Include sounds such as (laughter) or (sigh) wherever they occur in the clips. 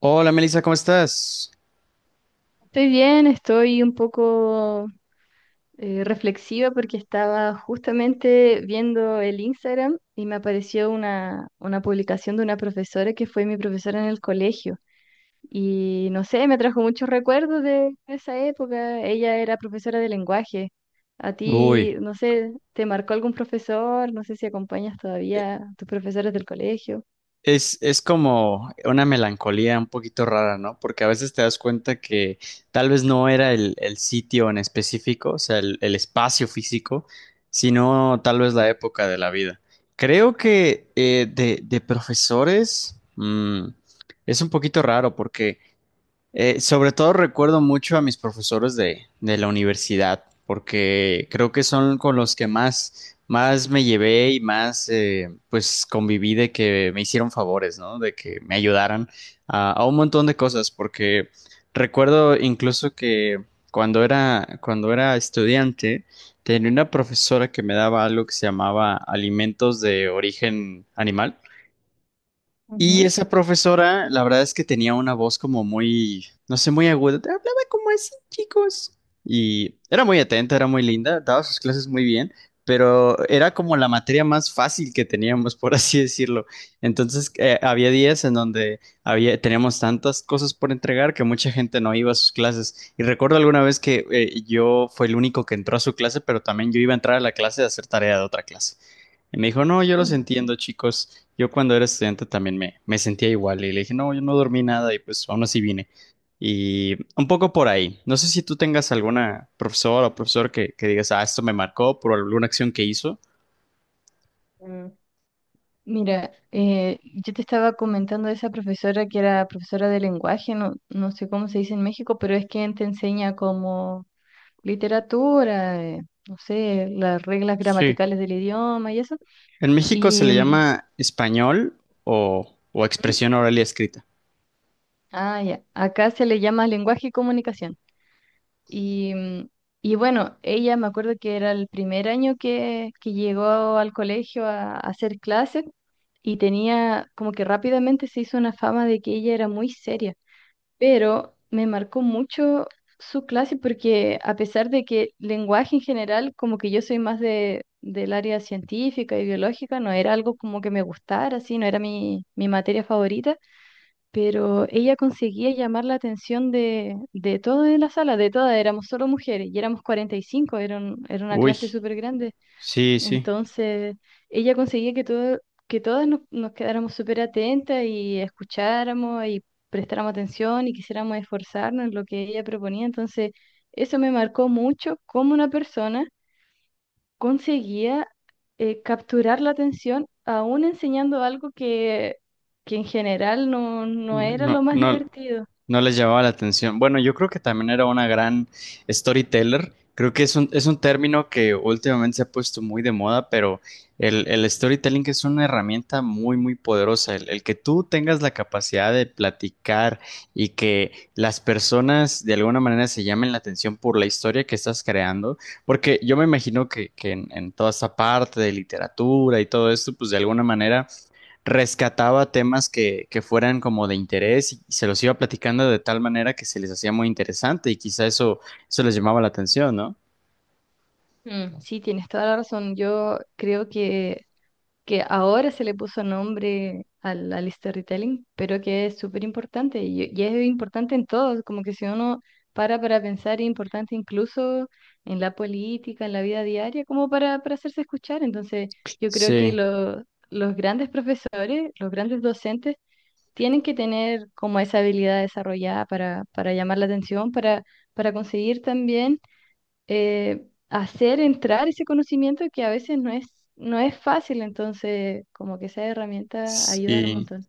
Hola Melissa, ¿cómo estás? Estoy bien, estoy un poco reflexiva porque estaba justamente viendo el Instagram y me apareció una publicación de una profesora que fue mi profesora en el colegio. Y no sé, me trajo muchos recuerdos de esa época. Ella era profesora de lenguaje. A ti, Uy, no sé, ¿te marcó algún profesor? No sé si acompañas todavía a tus profesores del colegio. es como una melancolía un poquito rara, ¿no? Porque a veces te das cuenta que tal vez no era el sitio en específico, o sea, el espacio físico, sino tal vez la época de la vida. Creo que de profesores es un poquito raro porque sobre todo recuerdo mucho a mis profesores de la universidad, porque creo que son con los que más, más me llevé y más pues conviví de que me hicieron favores, ¿no? De que me ayudaran a un montón de cosas, porque recuerdo incluso que cuando era estudiante, tenía una profesora que me daba algo que se llamaba alimentos de origen animal. Y Ujú. esa profesora, la verdad es que tenía una voz como muy, no sé, muy aguda. Te hablaba como así, chicos. Y era muy atenta, era muy linda, daba sus clases muy bien, pero era como la materia más fácil que teníamos, por así decirlo. Entonces, había días en donde teníamos tantas cosas por entregar que mucha gente no iba a sus clases. Y recuerdo alguna vez que yo fue el único que entró a su clase, pero también yo iba a entrar a la clase de hacer tarea de otra clase. Y me dijo, no, yo los entiendo, chicos. Yo cuando era estudiante también me sentía igual y le dije, no, yo no dormí nada y pues aún así vine. Y un poco por ahí. No sé si tú tengas alguna profesora o profesor que digas, ah, esto me marcó por alguna acción que hizo. Mm. Mira, yo te estaba comentando de esa profesora que era profesora de lenguaje, no, no sé cómo se dice en México, pero es quien te enseña como literatura, no sé, las reglas Sí. gramaticales del idioma y eso. En México se Y, le llama español o ¿mm? expresión oral y escrita. Ah, ya, acá se le llama lenguaje y comunicación. Y, y bueno, ella me acuerdo que era el primer año que llegó al colegio a hacer clases y tenía como que rápidamente se hizo una fama de que ella era muy seria, pero me marcó mucho su clase porque a pesar de que lenguaje en general, como que yo soy más del área científica y biológica, no era algo como que me gustara, así, no era mi materia favorita, pero ella conseguía llamar la atención de todos en la sala, de todas, éramos solo mujeres y éramos 45, era, era una Uy, clase súper grande. sí, sí. Entonces, ella conseguía que todo, que todas nos quedáramos súper atentas y escucháramos y prestáramos atención y quisiéramos esforzarnos en lo que ella proponía. Entonces, eso me marcó mucho cómo una persona conseguía capturar la atención aún enseñando algo que en general no, no era lo No, más no, divertido. no les llamaba la atención. Bueno, yo creo que también era una gran storyteller. Creo que es un término que últimamente se ha puesto muy de moda, pero el storytelling es una herramienta muy, muy poderosa. El que tú tengas la capacidad de platicar y que las personas de alguna manera se llamen la atención por la historia que estás creando, porque yo me imagino que en toda esta parte de literatura y todo esto, pues de alguna manera rescataba temas que fueran como de interés y se los iba platicando de tal manera que se les hacía muy interesante y quizá eso les llamaba la atención, ¿no? Mm, sí, tienes toda la razón. Yo creo que ahora se le puso nombre al storytelling, pero que es súper importante y es importante en todo, como que si uno para pensar es importante incluso en la política, en la vida diaria, como para hacerse escuchar. Entonces, yo creo que Sí, los grandes profesores, los grandes docentes, tienen que tener como esa habilidad desarrollada para llamar la atención, para conseguir también hacer entrar ese conocimiento que a veces no es, no es fácil, entonces como que esas herramientas ayudan un sí. montón.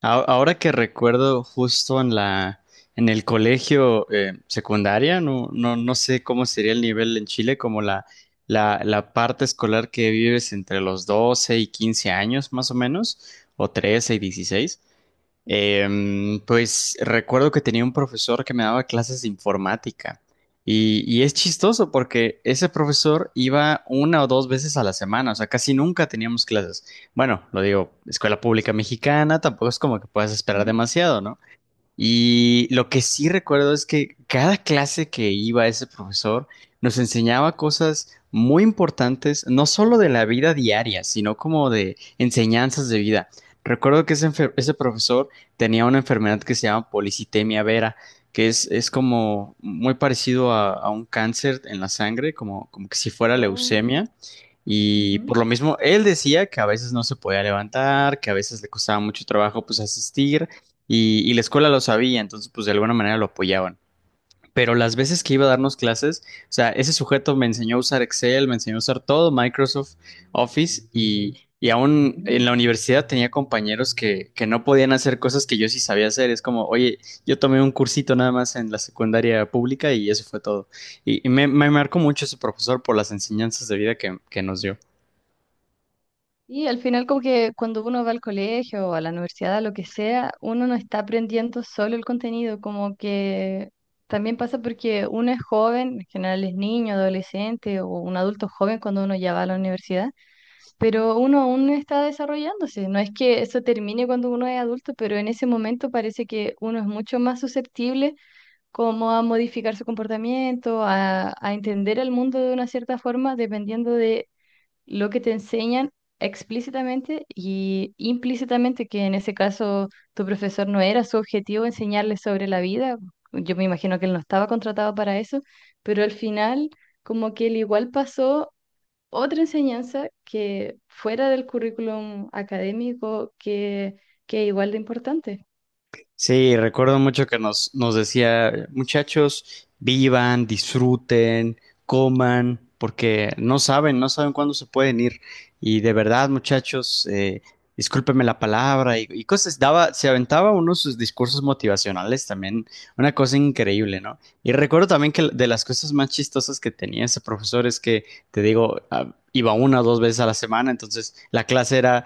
Ahora que recuerdo justo en el colegio secundaria, no, no, no sé cómo sería el nivel en Chile, como la parte escolar que vives entre los 12 y 15 años más o menos, o 13 y 16. Pues recuerdo que tenía un profesor que me daba clases de informática y es chistoso porque ese profesor iba una o dos veces a la semana, o sea, casi nunca teníamos clases. Bueno, lo digo, escuela pública mexicana, tampoco es como que puedas esperar ¿Mm? demasiado, ¿no? Y lo que sí recuerdo es que cada clase que iba ese profesor nos enseñaba cosas muy importantes, no solo de la vida diaria, sino como de enseñanzas de vida. Recuerdo que ese profesor tenía una enfermedad que se llama policitemia vera, que es como muy parecido a un cáncer en la sangre, como que si fuera Oh, leucemia. Y por ujú. lo mismo, él decía que a veces no se podía levantar, que a veces le costaba mucho trabajo pues asistir y la escuela lo sabía, entonces pues de alguna manera lo apoyaban. Pero las veces que iba a darnos clases, o sea, ese sujeto me enseñó a usar Excel, me enseñó a usar todo, Microsoft Office y aún en la universidad tenía compañeros que no podían hacer cosas que yo sí sabía hacer. Es como, oye, yo tomé un cursito nada más en la secundaria pública y eso fue todo. Y me marcó mucho ese profesor por las enseñanzas de vida que nos dio. Y al final como que cuando uno va al colegio o a la universidad, a lo que sea, uno no está aprendiendo solo el contenido, como que también pasa porque uno es joven, en general es niño, adolescente o un adulto joven cuando uno ya va a la universidad, pero uno aún está desarrollándose. No es que eso termine cuando uno es adulto, pero en ese momento parece que uno es mucho más susceptible como a modificar su comportamiento, a entender el mundo de una cierta forma, dependiendo de lo que te enseñan explícitamente y implícitamente, que en ese caso tu profesor no era su objetivo enseñarles sobre la vida. Yo me imagino que él no estaba contratado para eso, pero al final como que él igual pasó otra enseñanza que fuera del currículum académico que es igual de importante. Sí, recuerdo mucho que nos decía, muchachos, vivan, disfruten, coman, porque no saben cuándo se pueden ir. Y de verdad, muchachos, discúlpenme la palabra y cosas. Se aventaba uno de sus discursos motivacionales también, una cosa increíble, ¿no? Y recuerdo también que de las cosas más chistosas que tenía ese profesor es que, te digo, ah, iba una o dos veces a la semana, entonces la clase era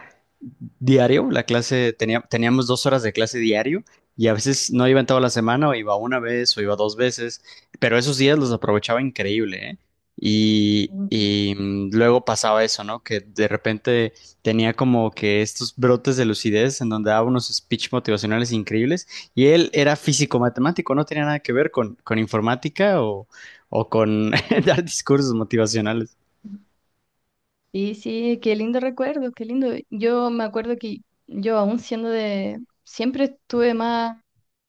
diario, teníamos dos horas de clase diario y a veces no iba en toda la semana, o iba una vez, o iba dos veces, pero esos días los aprovechaba increíble, ¿eh? Y, Ujú. y mm, luego pasaba eso, ¿no? Que de repente tenía como que estos brotes de lucidez en donde daba unos speech motivacionales increíbles y él era físico-matemático, no tenía nada que ver con informática o con (laughs) dar discursos motivacionales. Sí, sí, qué lindo recuerdo, qué lindo. Yo me acuerdo que yo aún siendo de, siempre estuve más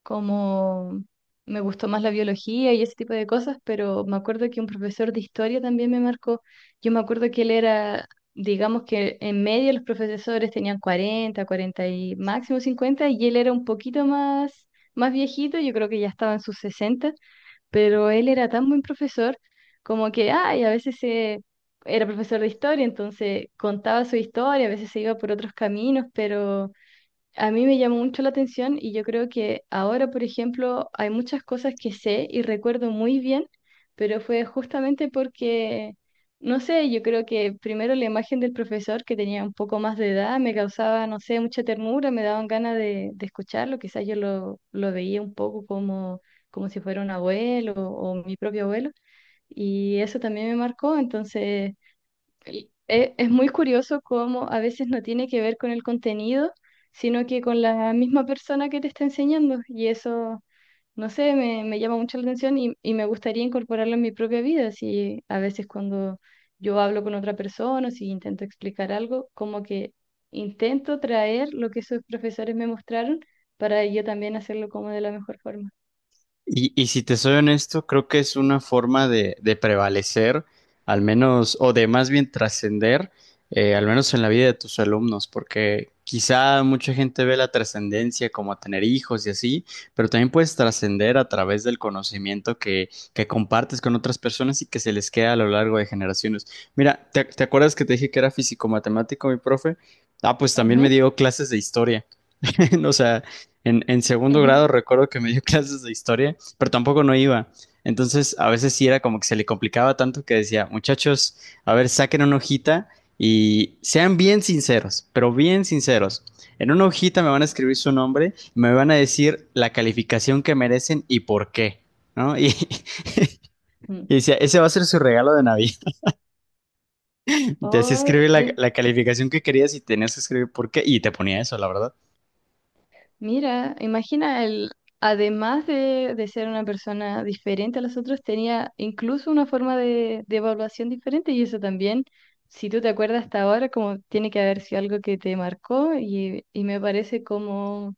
como, me gustó más la biología y ese tipo de cosas, pero me acuerdo que un profesor de historia también me marcó. Yo me acuerdo que él era, digamos que en medio los profesores tenían 40, 40 y máximo 50 y él era un poquito más, más viejito, yo creo que ya estaba en sus sesenta, pero él era tan buen profesor como que, ay, a veces se... era profesor de historia, entonces contaba su historia, a veces se iba por otros caminos, pero a mí me llamó mucho la atención y yo creo que ahora, por ejemplo, hay muchas cosas que sé y recuerdo muy bien, pero fue justamente porque, no sé, yo creo que primero la imagen del profesor que tenía un poco más de edad me causaba, no sé, mucha ternura, me daban ganas de escucharlo, quizás yo lo veía un poco como, como si fuera un abuelo o mi propio abuelo y eso también me marcó, entonces es muy curioso cómo a veces no tiene que ver con el contenido, sino que con la misma persona que te está enseñando. Y eso, no sé, me llama mucho la atención y me gustaría incorporarlo en mi propia vida. Si a veces cuando yo hablo con otra persona, o si intento explicar algo, como que intento traer lo que esos profesores me mostraron para yo también hacerlo como de la mejor forma. Y si te soy honesto, creo que es una forma de prevalecer, al menos, o de más bien trascender, al menos en la vida de tus alumnos, porque quizá mucha gente ve la trascendencia como tener hijos y así, pero también puedes trascender a través del conocimiento que compartes con otras personas y que se les queda a lo largo de generaciones. Mira, ¿te acuerdas que te dije que era físico-matemático mi profe? Ah, pues también me Ujú, dio clases de historia. (laughs) O sea, en segundo grado ujú, recuerdo que me dio (laughs) clases de historia, pero tampoco no iba. Entonces, a veces sí era como que se le complicaba tanto que decía, muchachos, a ver, saquen una hojita y sean bien sinceros, pero bien sinceros. En una hojita me van a escribir su nombre, me van a decir la calificación que merecen y por qué, ¿no? Y, (laughs) ujú. y decía, ese va a ser su regalo de Navidad. (laughs) Te hacía Oh, escribir la calificación que querías y tenías que escribir por qué. Y te ponía eso, la verdad. mira, imagina, el, además de ser una persona diferente a los otros, tenía incluso una forma de evaluación diferente y eso también, si tú te acuerdas hasta ahora, como tiene que haber sido algo que te marcó y me parece como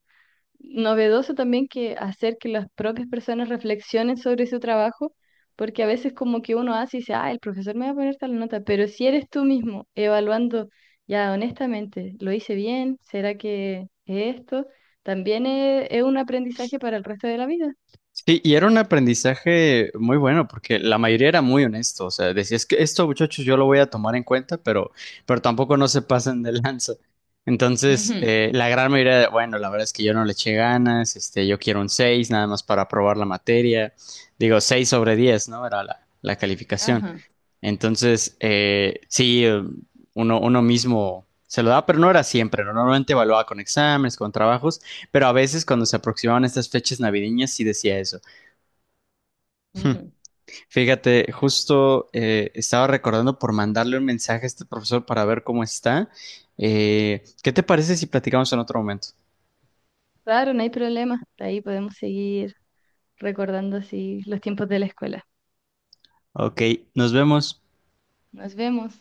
novedoso también que hacer que las propias personas reflexionen sobre su trabajo, porque a veces como que uno hace y dice, ah, el profesor me va a poner tal nota, pero si eres tú mismo evaluando ya honestamente, ¿lo hice bien? ¿Será que es esto también es un aprendizaje para el resto de la vida? Sí, y era un aprendizaje muy bueno porque la mayoría era muy honesto, o sea, decía, es que esto, muchachos, yo lo voy a tomar en cuenta, pero tampoco no se pasen de lanza. Entonces, Ujú, la gran mayoría de, bueno, la verdad es que yo no le eché ganas, este, yo quiero un 6, nada más para aprobar la materia, digo, 6 sobre 10, ¿no? Era la calificación. ajá. Entonces, sí, uno mismo se lo daba, pero no era siempre, ¿no? Normalmente evaluaba con exámenes, con trabajos, pero a veces cuando se aproximaban estas fechas navideñas sí decía eso. Hm, Ujú. Fíjate, justo estaba recordando por mandarle un mensaje a este profesor para ver cómo está. ¿Qué te parece si platicamos en otro momento? Claro, no hay problema. De ahí podemos seguir recordando así los tiempos de la escuela. Ok, nos vemos. Nos vemos.